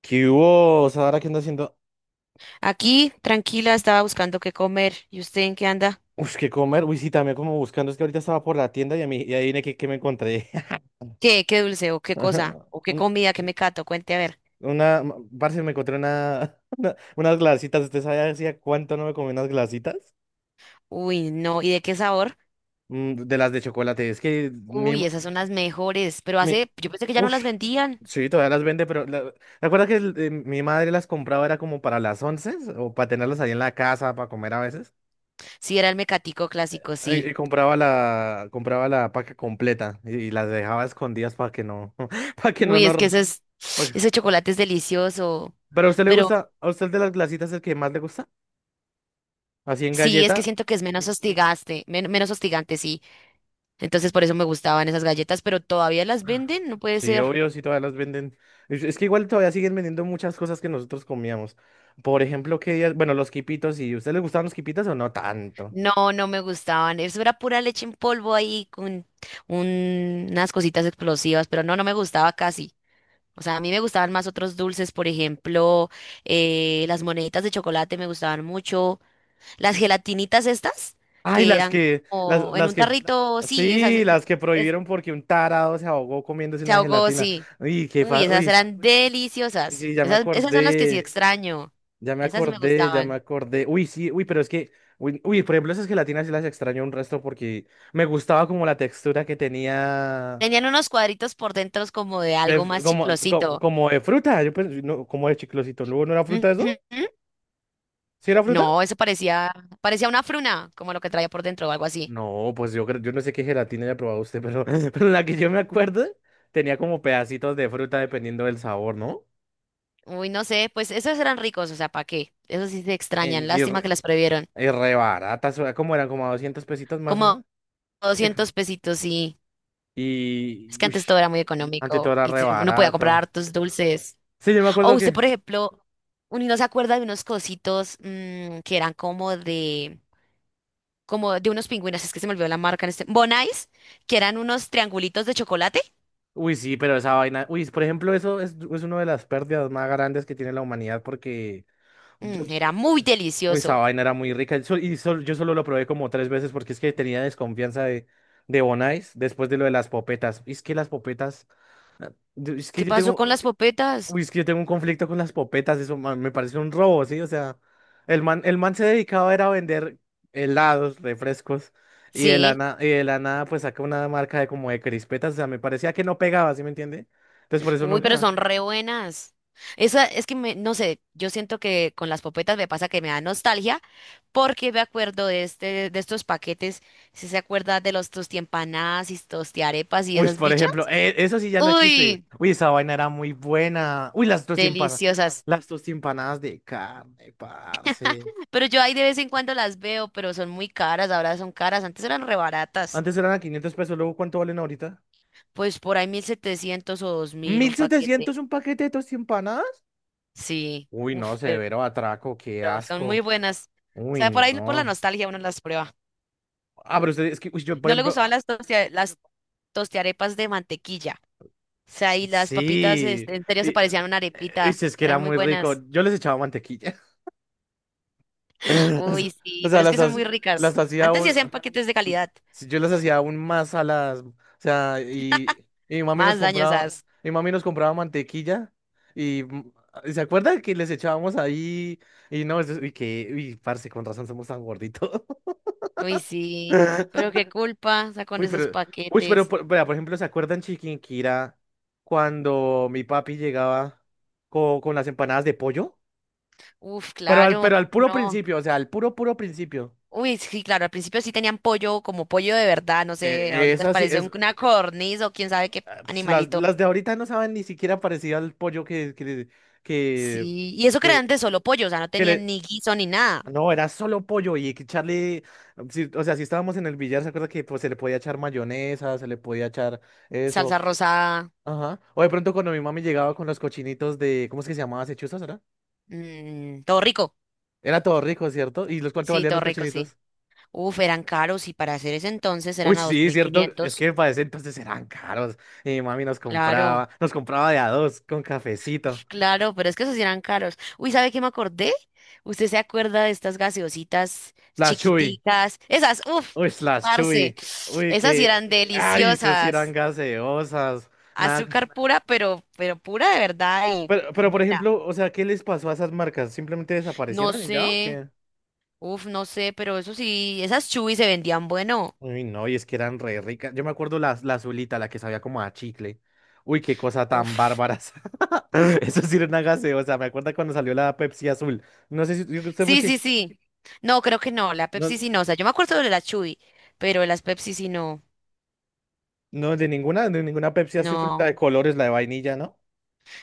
¿Qué hubo, Sara? ¿Qué ando haciendo? Aquí, tranquila, estaba buscando qué comer. ¿Y usted en qué anda? Uy, ¿qué comer? Uy, sí, también como buscando. Es que ahorita estaba por la tienda y adivine que qué me encontré. ¿Qué? ¿Qué dulce o qué cosa? Ajá. ¿O qué Una, comida? ¿Qué me cato? Cuente a ver. una, ma- parce, me encontré unas glacitas. ¿Usted sabe hacía cuánto no me comí unas glacitas? Uy, no. ¿Y de qué sabor? Mm, de las de chocolate. Es que mi, Uy, ma- esas son las mejores. Pero mi, hace, yo pensé que ya no uf, las vendían. sí, todavía las vende, pero ¿te acuerdas que mi madre las compraba era como para las once o para tenerlas ahí en la casa, para comer a veces? Sí, era el mecatico clásico, sí. Compraba la paca completa y las dejaba escondidas para que no, para que no, Uy, no, es que ese chocolate es delicioso. Pero a usted le Pero gusta, a usted de las glacitas el que más le gusta, así en sí, es que galleta. siento que es menos hostigaste, menos hostigante, sí. Entonces por eso me gustaban esas galletas, pero todavía las venden, no puede Sí, ser. obvio, sí, todavía las venden. Es que igual todavía siguen vendiendo muchas cosas que nosotros comíamos. Por ejemplo, los quipitos. ¿Y a usted le gustaban los quipitos o no tanto? No, no me gustaban. Eso era pura leche en polvo ahí con unas cositas explosivas, pero no, no me gustaba casi. O sea, a mí me gustaban más otros dulces, por ejemplo, las moneditas de chocolate me gustaban mucho. Las gelatinitas estas, Ay, que eran como en las un que... tarrito, sí, esas, Sí, las que es- prohibieron porque un tarado se ahogó comiéndose se una ahogó, gelatina. sí. Uy, qué Uy, fa, esas uy, eran deliciosas. sí, ya me Esas son las que sí acordé. extraño. Esas sí me Ya me gustaban. acordé. Uy, sí. uy, pero es que, uy, uy, por ejemplo, esas gelatinas sí las extraño un resto porque me gustaba como la textura que tenía, Tenían unos cuadritos por dentro como de de algo fr- más como, co- chiclosito. como, de fruta. No, como de chiclosito. ¿No no era fruta eso? Ujú. ¿Sí era fruta? No, eso parecía una fruna, como lo que traía por dentro o algo así. No, pues yo creo, yo no sé qué gelatina haya probado usted, pero pero la que yo me acuerdo tenía como pedacitos de fruta dependiendo del sabor, ¿no? Uy, no sé, pues esos eran ricos, o sea, ¿para qué? Esos sí se extrañan, En, y, lástima que re, las previeron. y re baratas, o como eran como 200 pesitos más o Como menos. Sí. 200 pesitos sí. Es Y, que uy, antes todo era muy ante todo económico era y re uno podía comprar barato. hartos dulces. Sí, yo me O acuerdo usted, que... por ejemplo, uno no se acuerda de unos cositos que eran como de, unos pingüinos, es que se me olvidó la marca en este, Bonais, que eran unos triangulitos de chocolate. Uy, sí, pero esa vaina. Uy, por ejemplo, es una de las pérdidas más grandes que tiene la humanidad porque... Yo... Mm, era muy Uy, esa delicioso. vaina era muy rica. Yo solo lo probé como tres veces porque es que tenía desconfianza de Bonais después de lo de las popetas. Y es que las popetas... Es que ¿Qué yo pasó tengo... con las popetas? Uy, es que yo tengo un conflicto con las popetas. Eso, man, me parece un robo, ¿sí? O sea, el man se dedicaba era a vender helados, refrescos, y Sí. Y de la nada pues saca una marca de como de crispetas. O sea, me parecía que no pegaba, ¿sí me entiende? Entonces por eso Uy, pero nunca... son re buenas. Esa es que me, no sé, yo siento que con las popetas me pasa que me da nostalgia porque me acuerdo de este, de estos paquetes, ¿si se acuerda de los tostiempanadas y tostiarepas y Uy, esas por bichas? ejemplo, eso sí ya no existe. Uy, Uy, esa vaina era muy buena. Deliciosas. Las tostempanadas de carne, parce. Pero yo ahí de vez en cuando las veo, pero son muy caras, ahora son caras, antes eran re baratas. Antes eran a 500 pesos, luego ¿cuánto valen ahorita? Pues por ahí 1.700 o 2.000 un mil paquete. setecientos un paquete de tostempanadas? Sí, Uy, no, uf, pero severo atraco, qué pero son muy asco. buenas. O Uy, sea, por ahí por la no. nostalgia uno las prueba. Ah, pero usted, es que, uy, yo, por No le ejemplo, gustaban las, las tostiarepas de mantequilla. O sea, y las papitas, sí. este, en serio, Y, se parecían eh, a una arepita. sí, es que era Eran muy muy rico. buenas. Yo les echaba mantequilla. O Uy, sea, o sí, pero sea, es que las, son muy hac- las ricas. hacía Antes sí aún, hacían paquetes de calidad. sí, yo las hacía aún más a las, sea, y, y mi mami nos Más compraba, dañosas. Mi mami nos compraba mantequilla y, ¿se acuerda que les echábamos ahí? Y no, eso- y que, Uy, parce, con razón somos tan gorditos. Uy, sí. Pero qué culpa, o sea, con Uy, esos pero, paquetes. Vea, por ejemplo, ¿se acuerdan Chiquinquirá cuando mi papi llegaba con las empanadas de pollo? Uf, claro, Pero al cómo puro no. principio. O sea, al puro, puro principio. Uy, sí, claro, al principio sí tenían pollo, como pollo de verdad, no sé, Es ahorita así, parece es, una corniz o quién sabe qué ah, pues, las, animalito. las de ahorita no saben ni siquiera parecido al pollo que, Sí, y eso que era que, antes solo pollo, o sea, no que tenían le... ni guiso ni nada. No, era solo pollo y que echarle. Si estábamos en el billar, ¿se acuerda que pues se le podía echar mayonesa, se le podía echar eso? Salsa rosada. Ajá. O de pronto cuando mi mami llegaba con los cochinitos de... ¿Cómo es que se llamaba ese era? Mm, todo rico. Era todo rico, ¿cierto? ¿Y los cuánto Sí, valían todo los rico, sí. cochinitos? Uf, eran caros y para hacer ese entonces Uy, eran a dos sí, mil cierto. Es quinientos, que para ese entonces eran caros. Y mi mami nos Claro, compraba, Nos compraba de a dos con cafecito. claro, pero es que esos sí eran caros. Uy, ¿sabe qué me acordé? ¿Usted se acuerda de estas gaseositas Las Chuy. chiquiticas? Esas, uf, Uy, las parce. Chuy. Uy, Esas sí que. eran Ay, esas sí eran deliciosas. gaseosas. Nada. Azúcar pura, pero pura de verdad y Por buena. ejemplo, o sea, ¿qué les pasó a esas marcas? ¿Simplemente No desaparecieron y ya o sé, qué? uf, no sé, pero eso sí, esas chubis se vendían bueno. Uy, no, y es que eran re ricas. Yo me acuerdo la azulita, la que sabía como a chicle. Uy, qué cosa tan Uf. bárbara. Esa. Eso sí era una gaseosa. Me acuerdo cuando salió la Pepsi azul. No sé si usted Sí, mucho. sí, sí. No, creo que no, la No, Pepsi sí no. O sea, yo me acuerdo de la Chuy, pero de las Pepsi sí no. no, De ninguna, de ninguna Pepsi azul, la No, de colores, la de vainilla, ¿no?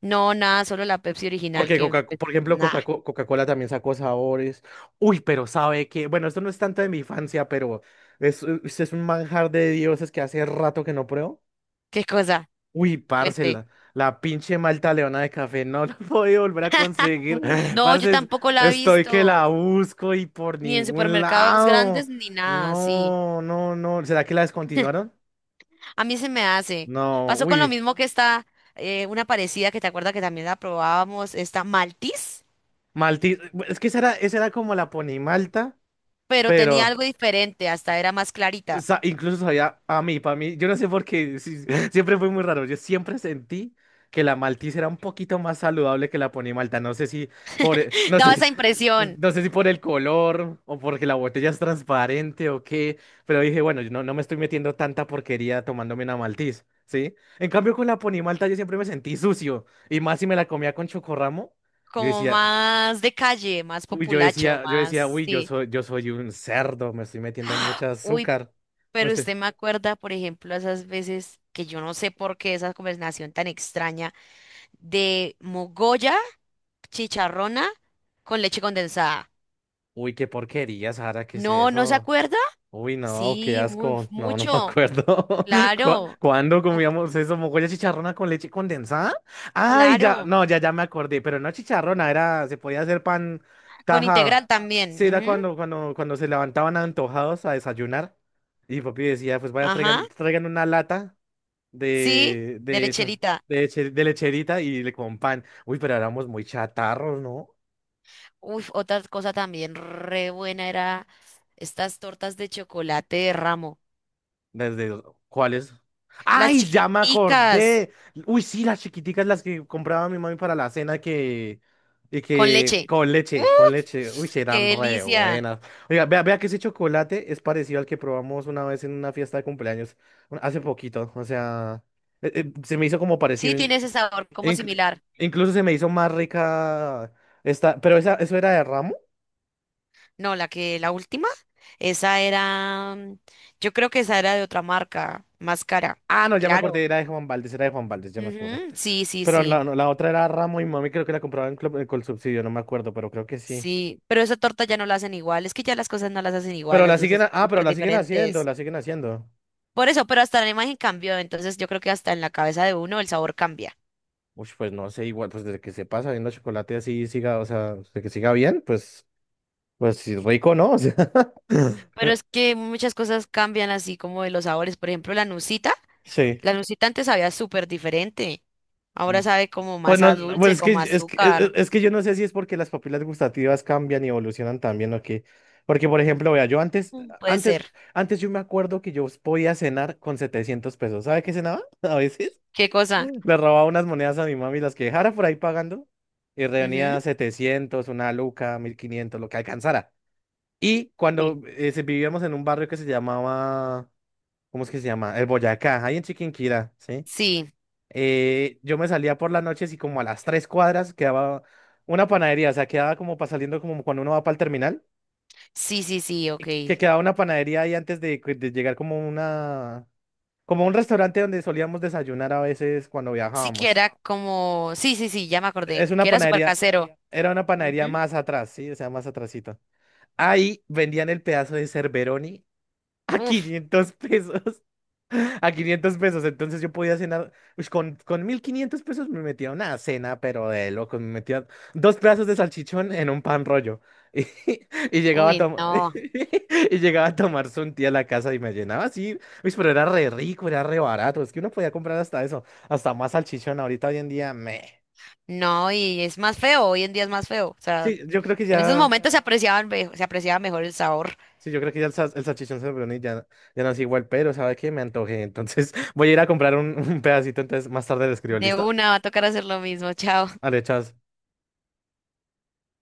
no, nada, solo la Pepsi original Porque que, Coca, pues, por ejemplo, nada, Coca-Cola también sacó sabores. Uy, pero sabe que, bueno, esto no es tanto de mi infancia, pero es un manjar de dioses que hace rato que no pruebo. qué cosa, Uy, parce, cuente. La pinche Malta Leona de café no la voy a volver a conseguir. No, yo Parce, tampoco la he estoy que la visto, busco y por ni en ningún supermercados lado. grandes, ni nada, sí. No, no, no. ¿Será que la descontinuaron? A mí se me hace. No, Pasó con lo uy. mismo que esta, una parecida que te acuerdas que también la probábamos, esta Maltis, Malti, es que esa era como la Pony Malta, pero tenía pero... algo diferente, hasta era más O clarita. sea, incluso sabía a mí, para mí, yo no sé por qué, sí, siempre fue muy raro. Yo siempre sentí que la Maltiza era un poquito más saludable que la Pony Malta. No sé si no Daba sé, esa impresión. no sé si por el color o porque la botella es transparente o qué, pero dije, bueno, yo no me estoy metiendo tanta porquería tomándome una Maltiz, ¿sí? En cambio, con la Pony Malta yo siempre me sentí sucio y más si me la comía con Chocorramo. yo Como decía, más de calle, más populacho, yo decía, más, uy, sí. Yo soy un cerdo, me estoy metiendo ¡Ah! mucha Uy, azúcar. Me pero estoy... usted me acuerda, por ejemplo, esas veces que yo no sé por qué esa conversación tan extraña de mogolla, chicharrona con leche condensada. Uy, qué porquería, Sara, ¿qué es No, ¿no se eso? acuerda? Uy, no, qué Sí, muy, asco. No, no me mucho, acuerdo. Claro, ¿Cuándo o- comíamos eso? ¿Mogolla chicharrona con leche condensada? Ay, ya, claro, no, ya, ya me acordé, pero no chicharrona, era, se podía hacer pan con tajado. integral Sí, era también. Ujú. cuando, cuando se levantaban antojados a desayunar. Y papi decía, pues vaya, Ajá, traigan una lata sí, de de esa, lecherita. De lecherita y le con pan. Uy, pero éramos muy chatarros, ¿no? Uy, otra cosa también re buena era estas tortas de chocolate de ramo. Desde... ¿Cuáles? Las ¡Ay, ya me chiquiticas acordé! Uy, sí, las chiquiticas, las que compraba mi mami para la cena que... Y con que leche. con leche, con ¡Uf! leche. Uy, sí, ¡Qué eran re delicia! buenas. Oiga, vea que ese chocolate es parecido al que probamos una vez en una fiesta de cumpleaños, hace poquito. O sea, se me hizo como Sí, parecido. Tiene ese sabor como inclu- similar. Incluso se me hizo más rica esta, pero esa, ¿eso era de Ramo? No, la última, esa era, yo creo que esa era de otra marca, más cara. Ah, no, ya me Claro. acordé, era de Juan Valdez, era de Juan Valdez, ya me acordé. Ujú, sí, sí, Pero sí. la, no, la otra era Ramo y Mami, creo que la compraban con el subsidio, no me acuerdo, pero creo que sí. Sí, pero esa torta ya no la hacen igual. Es que ya las cosas no las hacen igual, los dulces son Ah, pero súper la siguen haciendo, diferentes. la siguen haciendo. Por eso, pero hasta la imagen cambió. Entonces yo creo que hasta en la cabeza de uno el sabor cambia. Uy, pues no sé, igual, pues desde que se pasa viendo chocolate así siga, o sea, de que siga bien, pues, pues sí, rico, ¿no? O sea, Pero es que muchas cosas cambian así como de los sabores. Por ejemplo, la nucita. sí. La nucita antes sabía súper diferente. Mm. Ahora sabe como Pues más no, a no, pues dulce, es que, como a azúcar. es que yo no sé si es porque las papilas gustativas cambian y evolucionan también o qué. Porque, por ejemplo, vea, Mm, puede antes, ser. antes yo me acuerdo que yo podía cenar con 700 pesos. ¿Sabe qué cenaba a veces? ¿Qué cosa? Le robaba unas monedas a mi mami, las que dejara por ahí pagando, y Ujú. reunía 700, una luca, 1.500, lo que alcanzara. Y Sí. cuando vivíamos en un barrio que se llamaba... ¿Cómo es que se llama? El Boyacá, ahí en Chiquinquirá, ¿sí? Sí, Yo me salía por las noches y como a las tres cuadras quedaba una panadería. O sea, quedaba como para saliendo como cuando uno va para el terminal, sí, sí, sí, y ok. Que quedaba una panadería ahí antes de llegar como una, como un restaurante donde solíamos desayunar a veces cuando Sí que viajábamos. era como... Sí, sí, sí, ya me acordé. Es una Que era súper panadería, casero. Era una panadería Ujú. más atrás, sí, o sea, más atrasito. Ahí vendían el pedazo de Cerberoni a Uf, 500 pesos. A 500 pesos. Entonces yo podía cenar, ush, con 1.500 pesos me metía una cena, pero de locos, me metía dos pedazos de salchichón en un pan rollo. Y, y llegaba a uy, tomar no. y llegaba a tomarse un día a la casa y me llenaba así. Uy, pero era re rico, era re barato, es que uno podía comprar hasta eso, hasta más salchichón ahorita hoy en día, me... No, y es más feo. Hoy en día es más feo. O sea, Sí, yo creo que en esos ya... momentos se apreciaba mejor el sabor. Sí, yo creo que ya el salchichón Sofroni ya, ya no es igual. Pero ¿sabes qué? Me antojé. Entonces voy a ir a comprar un pedacito, entonces más tarde le escribo, De ¿listo? una va a tocar hacer lo mismo. Chao. Ah, le echas...